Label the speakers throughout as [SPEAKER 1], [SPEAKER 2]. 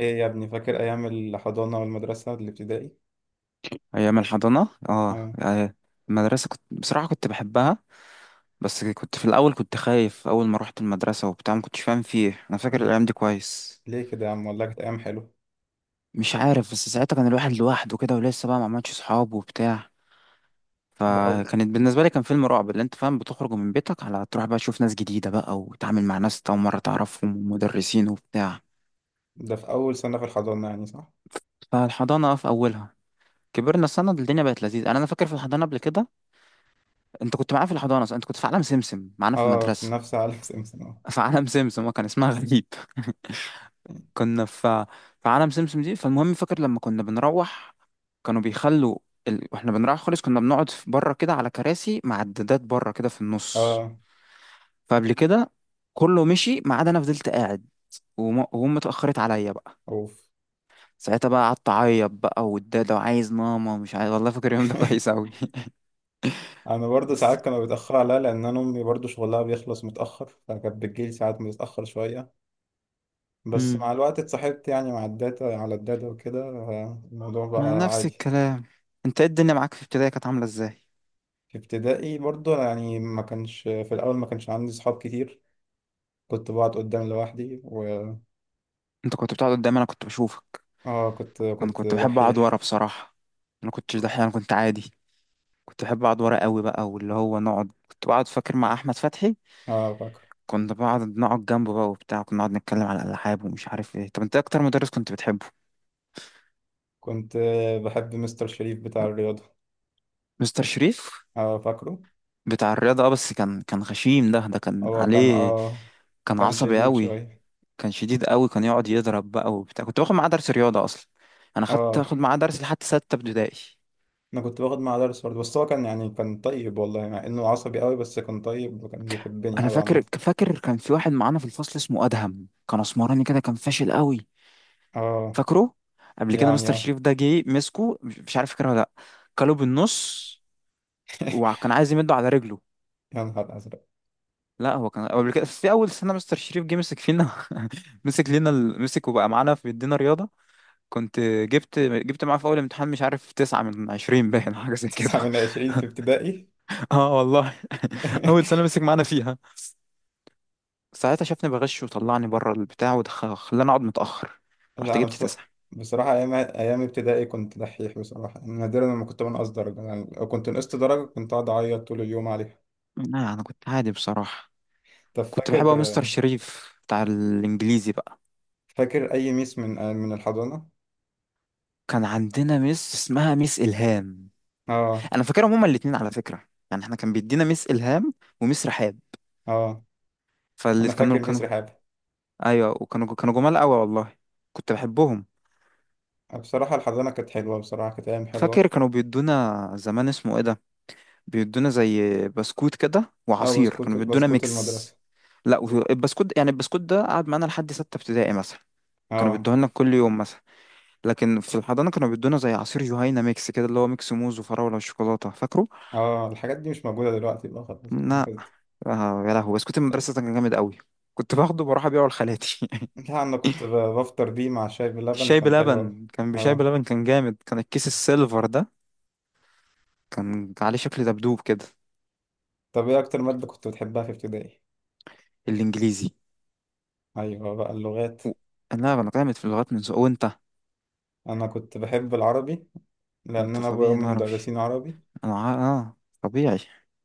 [SPEAKER 1] ايه يا ابني، فاكر ايام الحضانه والمدرسه الابتدائي؟
[SPEAKER 2] أيام الحضانة، اه،
[SPEAKER 1] آه.
[SPEAKER 2] آه. المدرسة كنت، بصراحة، كنت بحبها. بس كنت في الأول كنت خايف أول ما روحت المدرسة وبتاع، ما كنتش فاهم فيه. أنا فاكر
[SPEAKER 1] ل-
[SPEAKER 2] الأيام دي كويس.
[SPEAKER 1] ليه كده يا عم؟ والله كانت ايام حلوه.
[SPEAKER 2] مش عارف، بس ساعتها كان الواحد لوحده كده ولسه بقى ما عملش صحاب وبتاع.
[SPEAKER 1] ده أو...
[SPEAKER 2] فكانت بالنسبة لي، كان فيلم رعب، اللي أنت فاهم، بتخرج من بيتك على تروح بقى تشوف ناس جديدة بقى وتتعامل مع ناس أنت أول مرة تعرفهم ومدرسين وبتاع.
[SPEAKER 1] ده في اول سنه في الحضانه يعني، صح؟
[SPEAKER 2] فالحضانة في أولها، كبرنا سنة الدنيا بقت لذيذة. أنا فاكر، في الحضانة قبل كده أنت كنت معايا في الحضانة صح؟ أنت كنت في عالم سمسم معانا في
[SPEAKER 1] اه، في
[SPEAKER 2] المدرسة.
[SPEAKER 1] نفس عالم سمسم اه.
[SPEAKER 2] في عالم سمسم، هو كان اسمها غريب. كنا في عالم سمسم دي. فالمهم، فاكر لما كنا بنروح، كانوا بيخلوا واحنا بنروح خالص كنا بنقعد في بره كده على كراسي معدات بره كده في النص.
[SPEAKER 1] اه.
[SPEAKER 2] فقبل كده كله مشي ما عدا انا فضلت قاعد. وهم اتأخرت عليا بقى.
[SPEAKER 1] اوف.
[SPEAKER 2] ساعتها بقى قعدت اعيط بقى، والدادة، وعايز ماما ومش عايز، والله فاكر اليوم ده كويس قوي.
[SPEAKER 1] انا برضه
[SPEAKER 2] بس،
[SPEAKER 1] ساعات كانوا بيتاخروا عليا، لان انا امي برضه شغلها بيخلص متاخر، فكانت بتجيلي ساعات متاخر شويه. بس
[SPEAKER 2] امم
[SPEAKER 1] مع الوقت اتصاحبت يعني مع الداتا، على الداتا وكده، آه، الموضوع
[SPEAKER 2] مع
[SPEAKER 1] بقى
[SPEAKER 2] نفس
[SPEAKER 1] عادي.
[SPEAKER 2] الكلام، انت ايه الدنيا معاك في ابتدائي كانت عاملة ازاي؟
[SPEAKER 1] في ابتدائي برضه، يعني ما كانش في الاول ما كانش عندي صحاب كتير. كنت بقعد قدام لوحدي.
[SPEAKER 2] انت كنت بتقعد قدامي، انا كنت بشوفك.
[SPEAKER 1] اه، كنت
[SPEAKER 2] انا
[SPEAKER 1] كنت
[SPEAKER 2] كنت بحب اقعد ورا
[SPEAKER 1] دحيح.
[SPEAKER 2] بصراحه. انا كنتش دحيح، انا كنت عادي. كنت بحب اقعد ورا قوي بقى واللي هو نقعد، كنت بقعد فاكر مع احمد فتحي.
[SPEAKER 1] اه، فاكره.
[SPEAKER 2] كنت بقعد نقعد جنبه بقى وبتاع، كنا نقعد نتكلم على الالعاب ومش عارف ايه. طب انت إيه اكتر مدرس كنت بتحبه؟
[SPEAKER 1] كنت بحب مستر شريف بتاع الرياضة.
[SPEAKER 2] مستر شريف
[SPEAKER 1] اه، فاكره.
[SPEAKER 2] بتاع الرياضه، اه، بس كان غشيم، ده كان
[SPEAKER 1] هو كان
[SPEAKER 2] عليه.
[SPEAKER 1] اه،
[SPEAKER 2] كان
[SPEAKER 1] كان
[SPEAKER 2] عصبي
[SPEAKER 1] شديد
[SPEAKER 2] قوي.
[SPEAKER 1] شوية.
[SPEAKER 2] كان شديد قوي، كان يقعد يضرب بقى وبتاع. كنت باخد معاه درس رياضه اصلا. انا خدت
[SPEAKER 1] اه،
[SPEAKER 2] اخد معاه درس لحد 6 ابتدائي.
[SPEAKER 1] انا كنت باخد معاه درس برضه، بس هو كان يعني كان طيب والله. مع انه عصبي قوي بس كان طيب، وكان بيحبني
[SPEAKER 2] انا
[SPEAKER 1] قوي عامة.
[SPEAKER 2] فاكر كان في واحد معانا في الفصل اسمه ادهم، كان اسمراني كده، كان فاشل قوي.
[SPEAKER 1] اه.
[SPEAKER 2] فاكره، قبل كده
[SPEAKER 1] يعني
[SPEAKER 2] مستر
[SPEAKER 1] اه.
[SPEAKER 2] شريف ده جه مسكه، مش عارف فاكره ولا لا. كله بالنص، وكان عايز يمده على رجله.
[SPEAKER 1] يا نهار ازرق!
[SPEAKER 2] لا، هو كان قبل كده في اول سنه مستر شريف جه مسك فينا. مسك لنا ال- مسك وبقى معانا في بيدينا رياضه. كنت جبت معاه في اول امتحان، مش عارف، 9 من 20 باين حاجه زي
[SPEAKER 1] تسعة
[SPEAKER 2] كده.
[SPEAKER 1] من عشرين في ابتدائي؟
[SPEAKER 2] اه والله. اول سنه مسك معانا فيها، ساعتها شافني بغش وطلعني بره البتاع وخلاني اقعد متاخر. رحت
[SPEAKER 1] لا انا
[SPEAKER 2] جبت
[SPEAKER 1] بص...
[SPEAKER 2] 9.
[SPEAKER 1] بصراحة ايام، ايام ابتدائي كنت دحيح بصراحة. نادرا لما كنت بنقص درجة، يعني لو كنت نقصت درجة كنت اقعد اعيط طول اليوم عليها.
[SPEAKER 2] لا انا كنت عادي بصراحه.
[SPEAKER 1] طب
[SPEAKER 2] كنت
[SPEAKER 1] فاكر،
[SPEAKER 2] بحب أوي مستر شريف بتاع الانجليزي بقى.
[SPEAKER 1] فاكر أي ميس من الحضانة؟
[SPEAKER 2] كان عندنا مس اسمها مس الهام.
[SPEAKER 1] اه.
[SPEAKER 2] انا فاكرهم هما الاتنين على فكره، يعني احنا كان بيدينا مس الهام ومس رحاب.
[SPEAKER 1] اه.
[SPEAKER 2] فاللي
[SPEAKER 1] أنا فاكر
[SPEAKER 2] كانوا
[SPEAKER 1] ميس
[SPEAKER 2] كانوا
[SPEAKER 1] رحاب.
[SPEAKER 2] ايوه، وكانوا جمال قوي والله. كنت بحبهم.
[SPEAKER 1] بصراحة الحضانة كانت حلوة، بصراحة كانت أيام
[SPEAKER 2] فاكر
[SPEAKER 1] حلوة.
[SPEAKER 2] كانوا بيدونا زمان اسمه ايه ده، بيدونا زي بسكوت كده
[SPEAKER 1] اه،
[SPEAKER 2] وعصير،
[SPEAKER 1] بسكوت،
[SPEAKER 2] كانوا بيدونا
[SPEAKER 1] بسكوت
[SPEAKER 2] ميكس.
[SPEAKER 1] المدرسة.
[SPEAKER 2] لا، البسكوت ده قعد معانا لحد 6 ابتدائي مثلا، كانوا
[SPEAKER 1] اه.
[SPEAKER 2] بيدوه لنا كل يوم مثلا. لكن في الحضانة كانوا بيدونا زي عصير جهينة ميكس كده، اللي هو ميكس موز وفراولة وشوكولاتة، فاكره؟
[SPEAKER 1] اه، الحاجات دي مش موجودة دلوقتي بقى، خلاص كان
[SPEAKER 2] لا.
[SPEAKER 1] كده.
[SPEAKER 2] آه يا لهوي، بسكوت المدرسة ده كان جامد قوي. كنت باخده بروح ابيعه لخالاتي.
[SPEAKER 1] لا، أنا كنت بفطر بيه مع شاي بلبن،
[SPEAKER 2] الشاي
[SPEAKER 1] كان حلو أوي.
[SPEAKER 2] بلبن كان، بشاي
[SPEAKER 1] اه.
[SPEAKER 2] بلبن كان جامد، كان الكيس السيلفر ده كان عليه شكل دبدوب كده.
[SPEAKER 1] طب إيه أكتر مادة كنت بتحبها في ابتدائي؟
[SPEAKER 2] الانجليزي.
[SPEAKER 1] أيوة بقى، اللغات.
[SPEAKER 2] و... لا انا جامد في اللغات من زمان، وانت؟
[SPEAKER 1] أنا كنت بحب العربي، لأن
[SPEAKER 2] انت
[SPEAKER 1] أنا أبويا
[SPEAKER 2] طبيعي،
[SPEAKER 1] وأمي
[SPEAKER 2] انا عربي.
[SPEAKER 1] مدرسين عربي.
[SPEAKER 2] انا ع... اه طبيعي.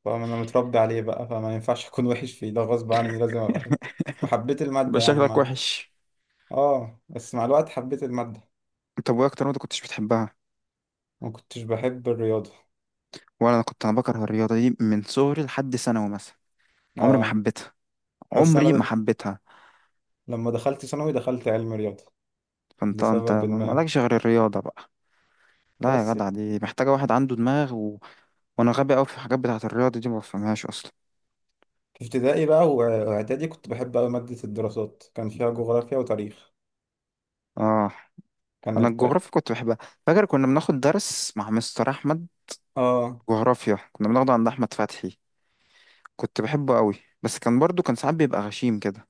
[SPEAKER 1] فانا متربي عليه بقى، فما ينفعش اكون وحش فيه، ده غصب عني لازم ابقى حلو. وحبيت
[SPEAKER 2] يبقى
[SPEAKER 1] المادة يعني مع
[SPEAKER 2] شكلك
[SPEAKER 1] ال-
[SPEAKER 2] وحش.
[SPEAKER 1] اه، بس مع الوقت حبيت المادة.
[SPEAKER 2] طب وايه اكتر رياضة كنتش بتحبها؟
[SPEAKER 1] ما كنتش بحب الرياضة.
[SPEAKER 2] ولا انا، كنت انا بكره الرياضة دي من صغري لحد ثانوي مثلا. عمري ما
[SPEAKER 1] اه،
[SPEAKER 2] حبيتها،
[SPEAKER 1] بس انا
[SPEAKER 2] عمري ما
[SPEAKER 1] ده.
[SPEAKER 2] حبيتها.
[SPEAKER 1] لما دخلت ثانوي دخلت علم رياضة
[SPEAKER 2] فانت
[SPEAKER 1] لسبب ما.
[SPEAKER 2] مالكش غير الرياضة بقى. لا يا
[SPEAKER 1] بس
[SPEAKER 2] جدع، دي محتاجة واحد عنده دماغ. وانا غبي قوي في الحاجات بتاعة الرياضة دي، ما بفهمهاش اصلا.
[SPEAKER 1] في ابتدائي بقى، واعدادي كنت بحب أوي مادة الدراسات، كان فيها جغرافيا وتاريخ.
[SPEAKER 2] اه،
[SPEAKER 1] كان
[SPEAKER 2] انا
[SPEAKER 1] الت...
[SPEAKER 2] الجغرافيا كنت بحبها. فاكر كنا بناخد درس مع مستر احمد،
[SPEAKER 1] اه،
[SPEAKER 2] جغرافيا كنا بناخده عند احمد فتحي. كنت بحبه قوي، بس كان برضو كان ساعات بيبقى غشيم كده.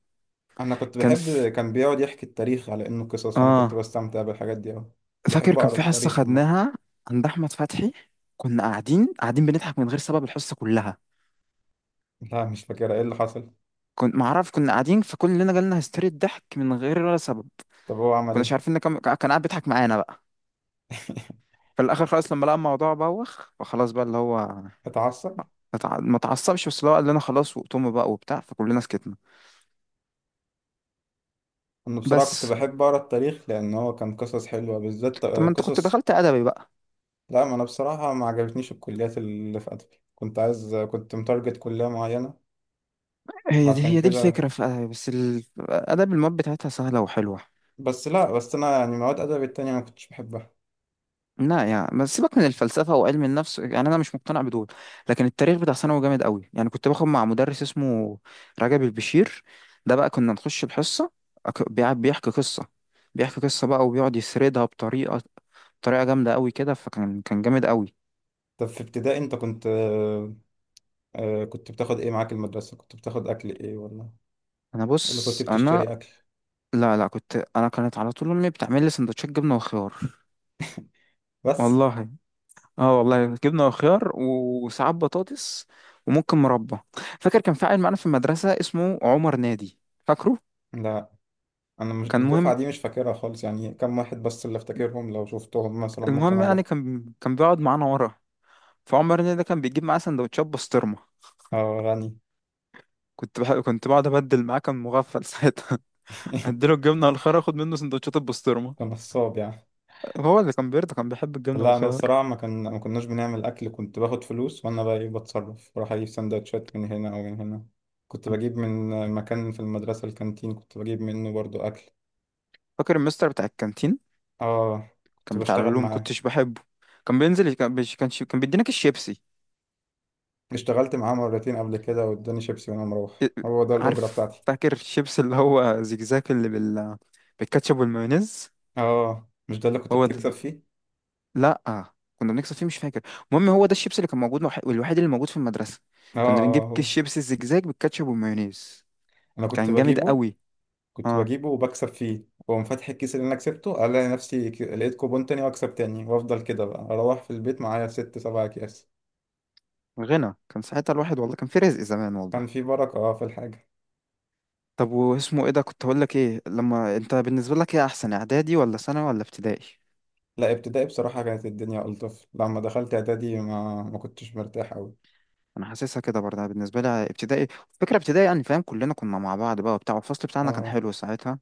[SPEAKER 1] انا كنت
[SPEAKER 2] كان
[SPEAKER 1] بحب،
[SPEAKER 2] في...
[SPEAKER 1] كان بيقعد يحكي التاريخ على انه قصص، فانا كنت
[SPEAKER 2] اه
[SPEAKER 1] بستمتع بالحاجات دي اوي.
[SPEAKER 2] فاكر
[SPEAKER 1] بحب
[SPEAKER 2] كان
[SPEAKER 1] اقرا
[SPEAKER 2] في حصة
[SPEAKER 1] التاريخ عامة.
[SPEAKER 2] خدناها عند احمد فتحي، كنا قاعدين بنضحك من غير سبب الحصة كلها.
[SPEAKER 1] لا، مش فاكرة ايه اللي حصل.
[SPEAKER 2] كنت معرف كنا قاعدين، فكلنا جالنا هستيري الضحك من غير ولا سبب.
[SPEAKER 1] طب هو عمل
[SPEAKER 2] كناش
[SPEAKER 1] ايه؟
[SPEAKER 2] عارفين ان كان قاعد بيضحك معانا بقى. في الاخر خلاص، لما لقى الموضوع بوخ فخلاص بقى، اللي هو
[SPEAKER 1] اتعصب.
[SPEAKER 2] ما اتعصبش، بس اللي هو قال لنا خلاص وقتهم بقى وبتاع، فكلنا سكتنا.
[SPEAKER 1] انا بصراحه كنت
[SPEAKER 2] بس.
[SPEAKER 1] بحب اقرا التاريخ، لان هو كان قصص حلوه بالذات،
[SPEAKER 2] طب
[SPEAKER 1] آه،
[SPEAKER 2] ما انت كنت
[SPEAKER 1] قصص.
[SPEAKER 2] دخلت ادبي بقى؟
[SPEAKER 1] لا، ما انا بصراحه ما عجبتنيش الكليات اللي في ادبي، كنت عايز، كنت متارجت كليه معينه
[SPEAKER 2] هي دي
[SPEAKER 1] فعشان
[SPEAKER 2] هي دي
[SPEAKER 1] كده.
[SPEAKER 2] الفكره في ادبي، بس ادبي المواد بتاعتها سهله وحلوه.
[SPEAKER 1] بس لا، بس انا يعني مواد ادبي التانية ما كنتش بحبها.
[SPEAKER 2] لا يعني، بس سيبك من الفلسفه وعلم النفس، يعني انا مش مقتنع بدول. لكن التاريخ بتاع ثانوي جامد قوي، يعني كنت باخد مع مدرس اسمه رجب البشير. ده بقى كنا نخش الحصه، بيحكي قصه. بيحكي قصة بقى وبيقعد يسردها بطريقه جامده قوي كده، فكان كان جامد قوي.
[SPEAKER 1] طب في ابتدائي انت كنت آه، آه، كنت بتاخد ايه معاك المدرسه؟ كنت بتاخد اكل ايه ولا
[SPEAKER 2] انا
[SPEAKER 1] اللي كنت
[SPEAKER 2] بص انا
[SPEAKER 1] بتشتري اكل؟
[SPEAKER 2] لا، لا، كنت انا كانت على طول امي بتعمل لي سندوتشات جبنه وخيار.
[SPEAKER 1] بس
[SPEAKER 2] والله. اه والله، جبنه وخيار وساعات بطاطس وممكن مربى. فاكر كان في عيل معانا في المدرسه اسمه عمر نادي. فاكره؟
[SPEAKER 1] لا، انا مش
[SPEAKER 2] كان
[SPEAKER 1] الدفعه
[SPEAKER 2] مهم
[SPEAKER 1] دي مش فاكرها خالص، يعني كم واحد بس اللي افتكرهم، لو شفتهم مثلا ممكن
[SPEAKER 2] المهم، يعني
[SPEAKER 1] اعرف.
[SPEAKER 2] كان بيقعد معانا ورا. فعمر نادي ده كان بيجيب معاه سندوتشات بسطرمه.
[SPEAKER 1] اه، غني.
[SPEAKER 2] كنت بقعد ابدل معاه، كان مغفل ساعتها. اديله الجبنه والخيار، اخد منه سندوتشات البسطرمه.
[SPEAKER 1] نصاب يعني.
[SPEAKER 2] هو اللي كان بيرضى، كان بيحب الجبنه
[SPEAKER 1] لا انا
[SPEAKER 2] والخيار.
[SPEAKER 1] الصراحه، ما كان، ما كناش بنعمل اكل. كنت باخد فلوس وانا بقى ايه بتصرف، بروح اجيب سندوتشات من هنا او من هنا. كنت بجيب من مكان في المدرسه، الكانتين، كنت بجيب منه برضو اكل.
[SPEAKER 2] فاكر المستر بتاع الكانتين؟
[SPEAKER 1] اه، كنت
[SPEAKER 2] كان بتاع
[SPEAKER 1] بشتغل
[SPEAKER 2] العلوم،
[SPEAKER 1] معاه.
[SPEAKER 2] كنتش بحبه. كان بينزل، كان بيش- كان شي- كان بيدينا كيس شيبسي.
[SPEAKER 1] اشتغلت معاه مرتين قبل كده، واداني شيبسي وانا مروح،
[SPEAKER 2] إيه،
[SPEAKER 1] هو ده الاجره
[SPEAKER 2] عارف،
[SPEAKER 1] بتاعتي.
[SPEAKER 2] فاكر الشيبس اللي هو زجزاج اللي بالكاتشب والمايونيز؟
[SPEAKER 1] اه، مش ده اللي كنت
[SPEAKER 2] هو ده.
[SPEAKER 1] بتكسب فيه؟
[SPEAKER 2] لا، كنا بنكسب فيه، مش فاكر. المهم هو ده الشيبس اللي كان موجود، والوحيد اللي موجود في المدرسة.
[SPEAKER 1] اه،
[SPEAKER 2] كنا بنجيب
[SPEAKER 1] آه،
[SPEAKER 2] كيس
[SPEAKER 1] هو.
[SPEAKER 2] شيبسي الزجزاج بالكاتشب والمايونيز،
[SPEAKER 1] انا كنت
[SPEAKER 2] كان جامد
[SPEAKER 1] بجيبه.
[SPEAKER 2] قوي.
[SPEAKER 1] كنت
[SPEAKER 2] اه،
[SPEAKER 1] بجيبه وبكسب فيه، واقوم فاتح الكيس اللي انا كسبته الاقي نفسي لقيت كوبون تاني، واكسب تاني، وافضل كده بقى اروح في البيت معايا ست سبع اكياس.
[SPEAKER 2] غنى كان ساعتها الواحد والله، كان في رزق زمان والله.
[SPEAKER 1] كان في بركة، اه، في الحاجة.
[SPEAKER 2] طب واسمه ايه ده، كنت هقول لك ايه، لما انت بالنسبة لك ايه احسن، اعدادي ولا ثانوي ولا ابتدائي؟
[SPEAKER 1] لا، ابتدائي بصراحة كانت الدنيا ألطف، لما دخلت اعدادي ما كنتش مرتاح أوي.
[SPEAKER 2] انا حاسسها كده برضه. أنا بالنسبه لي ابتدائي، فكره ابتدائي يعني، فاهم، كلنا كنا مع بعض بقى وبتاع والفصل بتاعنا كان
[SPEAKER 1] اه.
[SPEAKER 2] حلو ساعتها،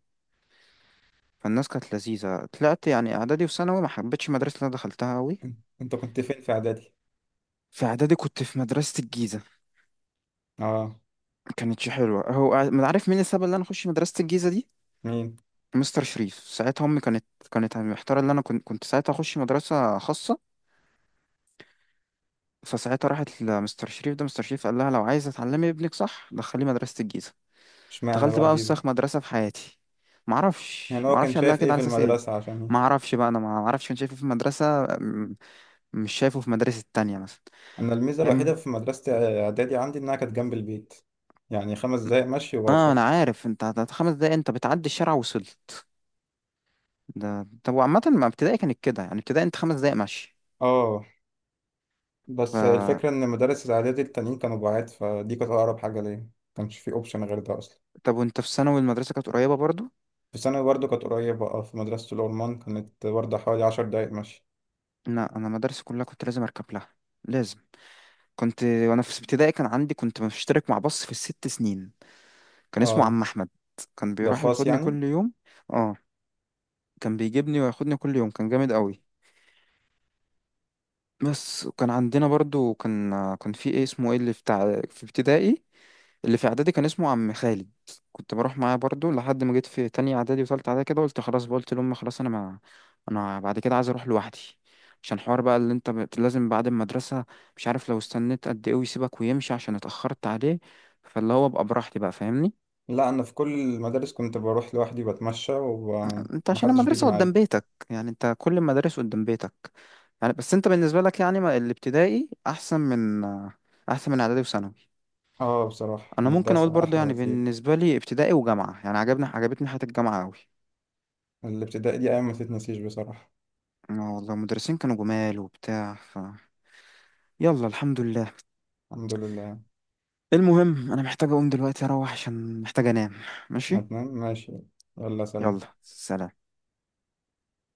[SPEAKER 2] فالناس كانت لذيذه. طلعت يعني اعدادي وثانوي ما حبيتش المدرسه اللي انا دخلتها قوي.
[SPEAKER 1] إن- انت كنت فين في اعدادي؟
[SPEAKER 2] في اعدادي كنت في مدرسه الجيزه،
[SPEAKER 1] اه.
[SPEAKER 2] ما كانتش حلوه. هو ما عارف مين السبب اللي انا اخش مدرسه الجيزه دي.
[SPEAKER 1] مين؟
[SPEAKER 2] مستر شريف ساعتها، امي كانت محتاره ان انا كنت ساعتها اخش مدرسه خاصه، فساعتها راحت لمستر شريف ده، مستر شريف قال لها لو عايزه تعلمي ابنك صح دخليه مدرسه الجيزه.
[SPEAKER 1] اشمعنى
[SPEAKER 2] دخلت
[SPEAKER 1] بقى
[SPEAKER 2] بقى وسخ
[SPEAKER 1] جيزة؟
[SPEAKER 2] مدرسة في حياتي. معرفش
[SPEAKER 1] يعني هو كان
[SPEAKER 2] معرفش قال لها
[SPEAKER 1] شايف ايه
[SPEAKER 2] كده على
[SPEAKER 1] في
[SPEAKER 2] أساس إيه.
[SPEAKER 1] المدرسة عشان؟
[SPEAKER 2] معرفش بقى، أنا معرفش كان شايفه في مدرسة م- مش شايفه في مدرسة تانية مثلا.
[SPEAKER 1] انا الميزة الوحيدة
[SPEAKER 2] فاهم.
[SPEAKER 1] في مدرسة اعدادي عندي انها كانت جنب البيت، يعني 5 دقايق مشي
[SPEAKER 2] اه،
[SPEAKER 1] وبوصل.
[SPEAKER 2] انا عارف، انت 5 دقايق انت بتعدي الشارع وصلت. ده، طب وعامة ما ابتدائي كانت كده يعني، ابتدائي انت 5 دقايق ماشي.
[SPEAKER 1] اه.
[SPEAKER 2] ف
[SPEAKER 1] بس الفكرة إن مدارس الإعدادي التانيين كانوا بعاد، فدي كانت أقرب حاجة ليا. مكانش في أوبشن غير ده أصلا.
[SPEAKER 2] طب وانت في ثانوي المدرسة كانت قريبة برضو؟
[SPEAKER 1] في ثانوي برضه كانت قريبة، أه، في مدرسة الأورمان كانت برضه حوالي 10 دقايق مشي.
[SPEAKER 2] لا انا مدرسة كلها كنت لازم اركب لها. لازم، كنت وانا في ابتدائي كان عندي، كنت مشترك مع باص في الـ6 سنين كان اسمه
[SPEAKER 1] أه،
[SPEAKER 2] عم احمد، كان
[SPEAKER 1] ده
[SPEAKER 2] بيروح
[SPEAKER 1] خاص
[SPEAKER 2] ياخدني
[SPEAKER 1] يعني.
[SPEAKER 2] كل يوم. اه كان بيجيبني وياخدني كل يوم، كان جامد قوي. بس وكان عندنا برضو، كان في ايه اسمه ايه اللي بتاع في ابتدائي، اللي في اعدادي كان اسمه عم خالد. كنت بروح معاه برضو لحد ما جيت في تانية اعدادي وتالتة اعدادي كده، قلت خلاص بقى، قلت لهم خلاص انا ما، انا بعد كده عايز اروح لوحدي، عشان حوار بقى اللي انت لازم بعد المدرسة، مش عارف لو استنيت قد ايه ويسيبك ويمشي عشان اتأخرت عليه، فاللي هو ابقى براحتي بقى، فاهمني.
[SPEAKER 1] لا، أنا في كل المدارس كنت بروح لوحدي، بتمشى
[SPEAKER 2] انت عشان
[SPEAKER 1] ومحدش بيجي
[SPEAKER 2] المدرسة قدام
[SPEAKER 1] معايا.
[SPEAKER 2] بيتك يعني، انت كل المدارس قدام بيتك يعني، بس انت بالنسبة لك يعني الابتدائي احسن من اعدادي وثانوي.
[SPEAKER 1] أه، بصراحة
[SPEAKER 2] انا ممكن اقول
[SPEAKER 1] المدرسة
[SPEAKER 2] برضو
[SPEAKER 1] أحلى
[SPEAKER 2] يعني
[SPEAKER 1] بكتير.
[SPEAKER 2] بالنسبة لي ابتدائي وجامعة، يعني عجبتني حياة الجامعة قوي.
[SPEAKER 1] الابتدائي دي أيام ما تتنسيش بصراحة.
[SPEAKER 2] اه والله، المدرسين كانوا جمال وبتاع، يلا الحمد لله.
[SPEAKER 1] الحمد لله يعني.
[SPEAKER 2] المهم انا محتاج اقوم دلوقتي اروح عشان محتاج انام. ماشي،
[SPEAKER 1] هتنام؟ ماشي. يلا
[SPEAKER 2] يلا
[SPEAKER 1] سلام.
[SPEAKER 2] سلام.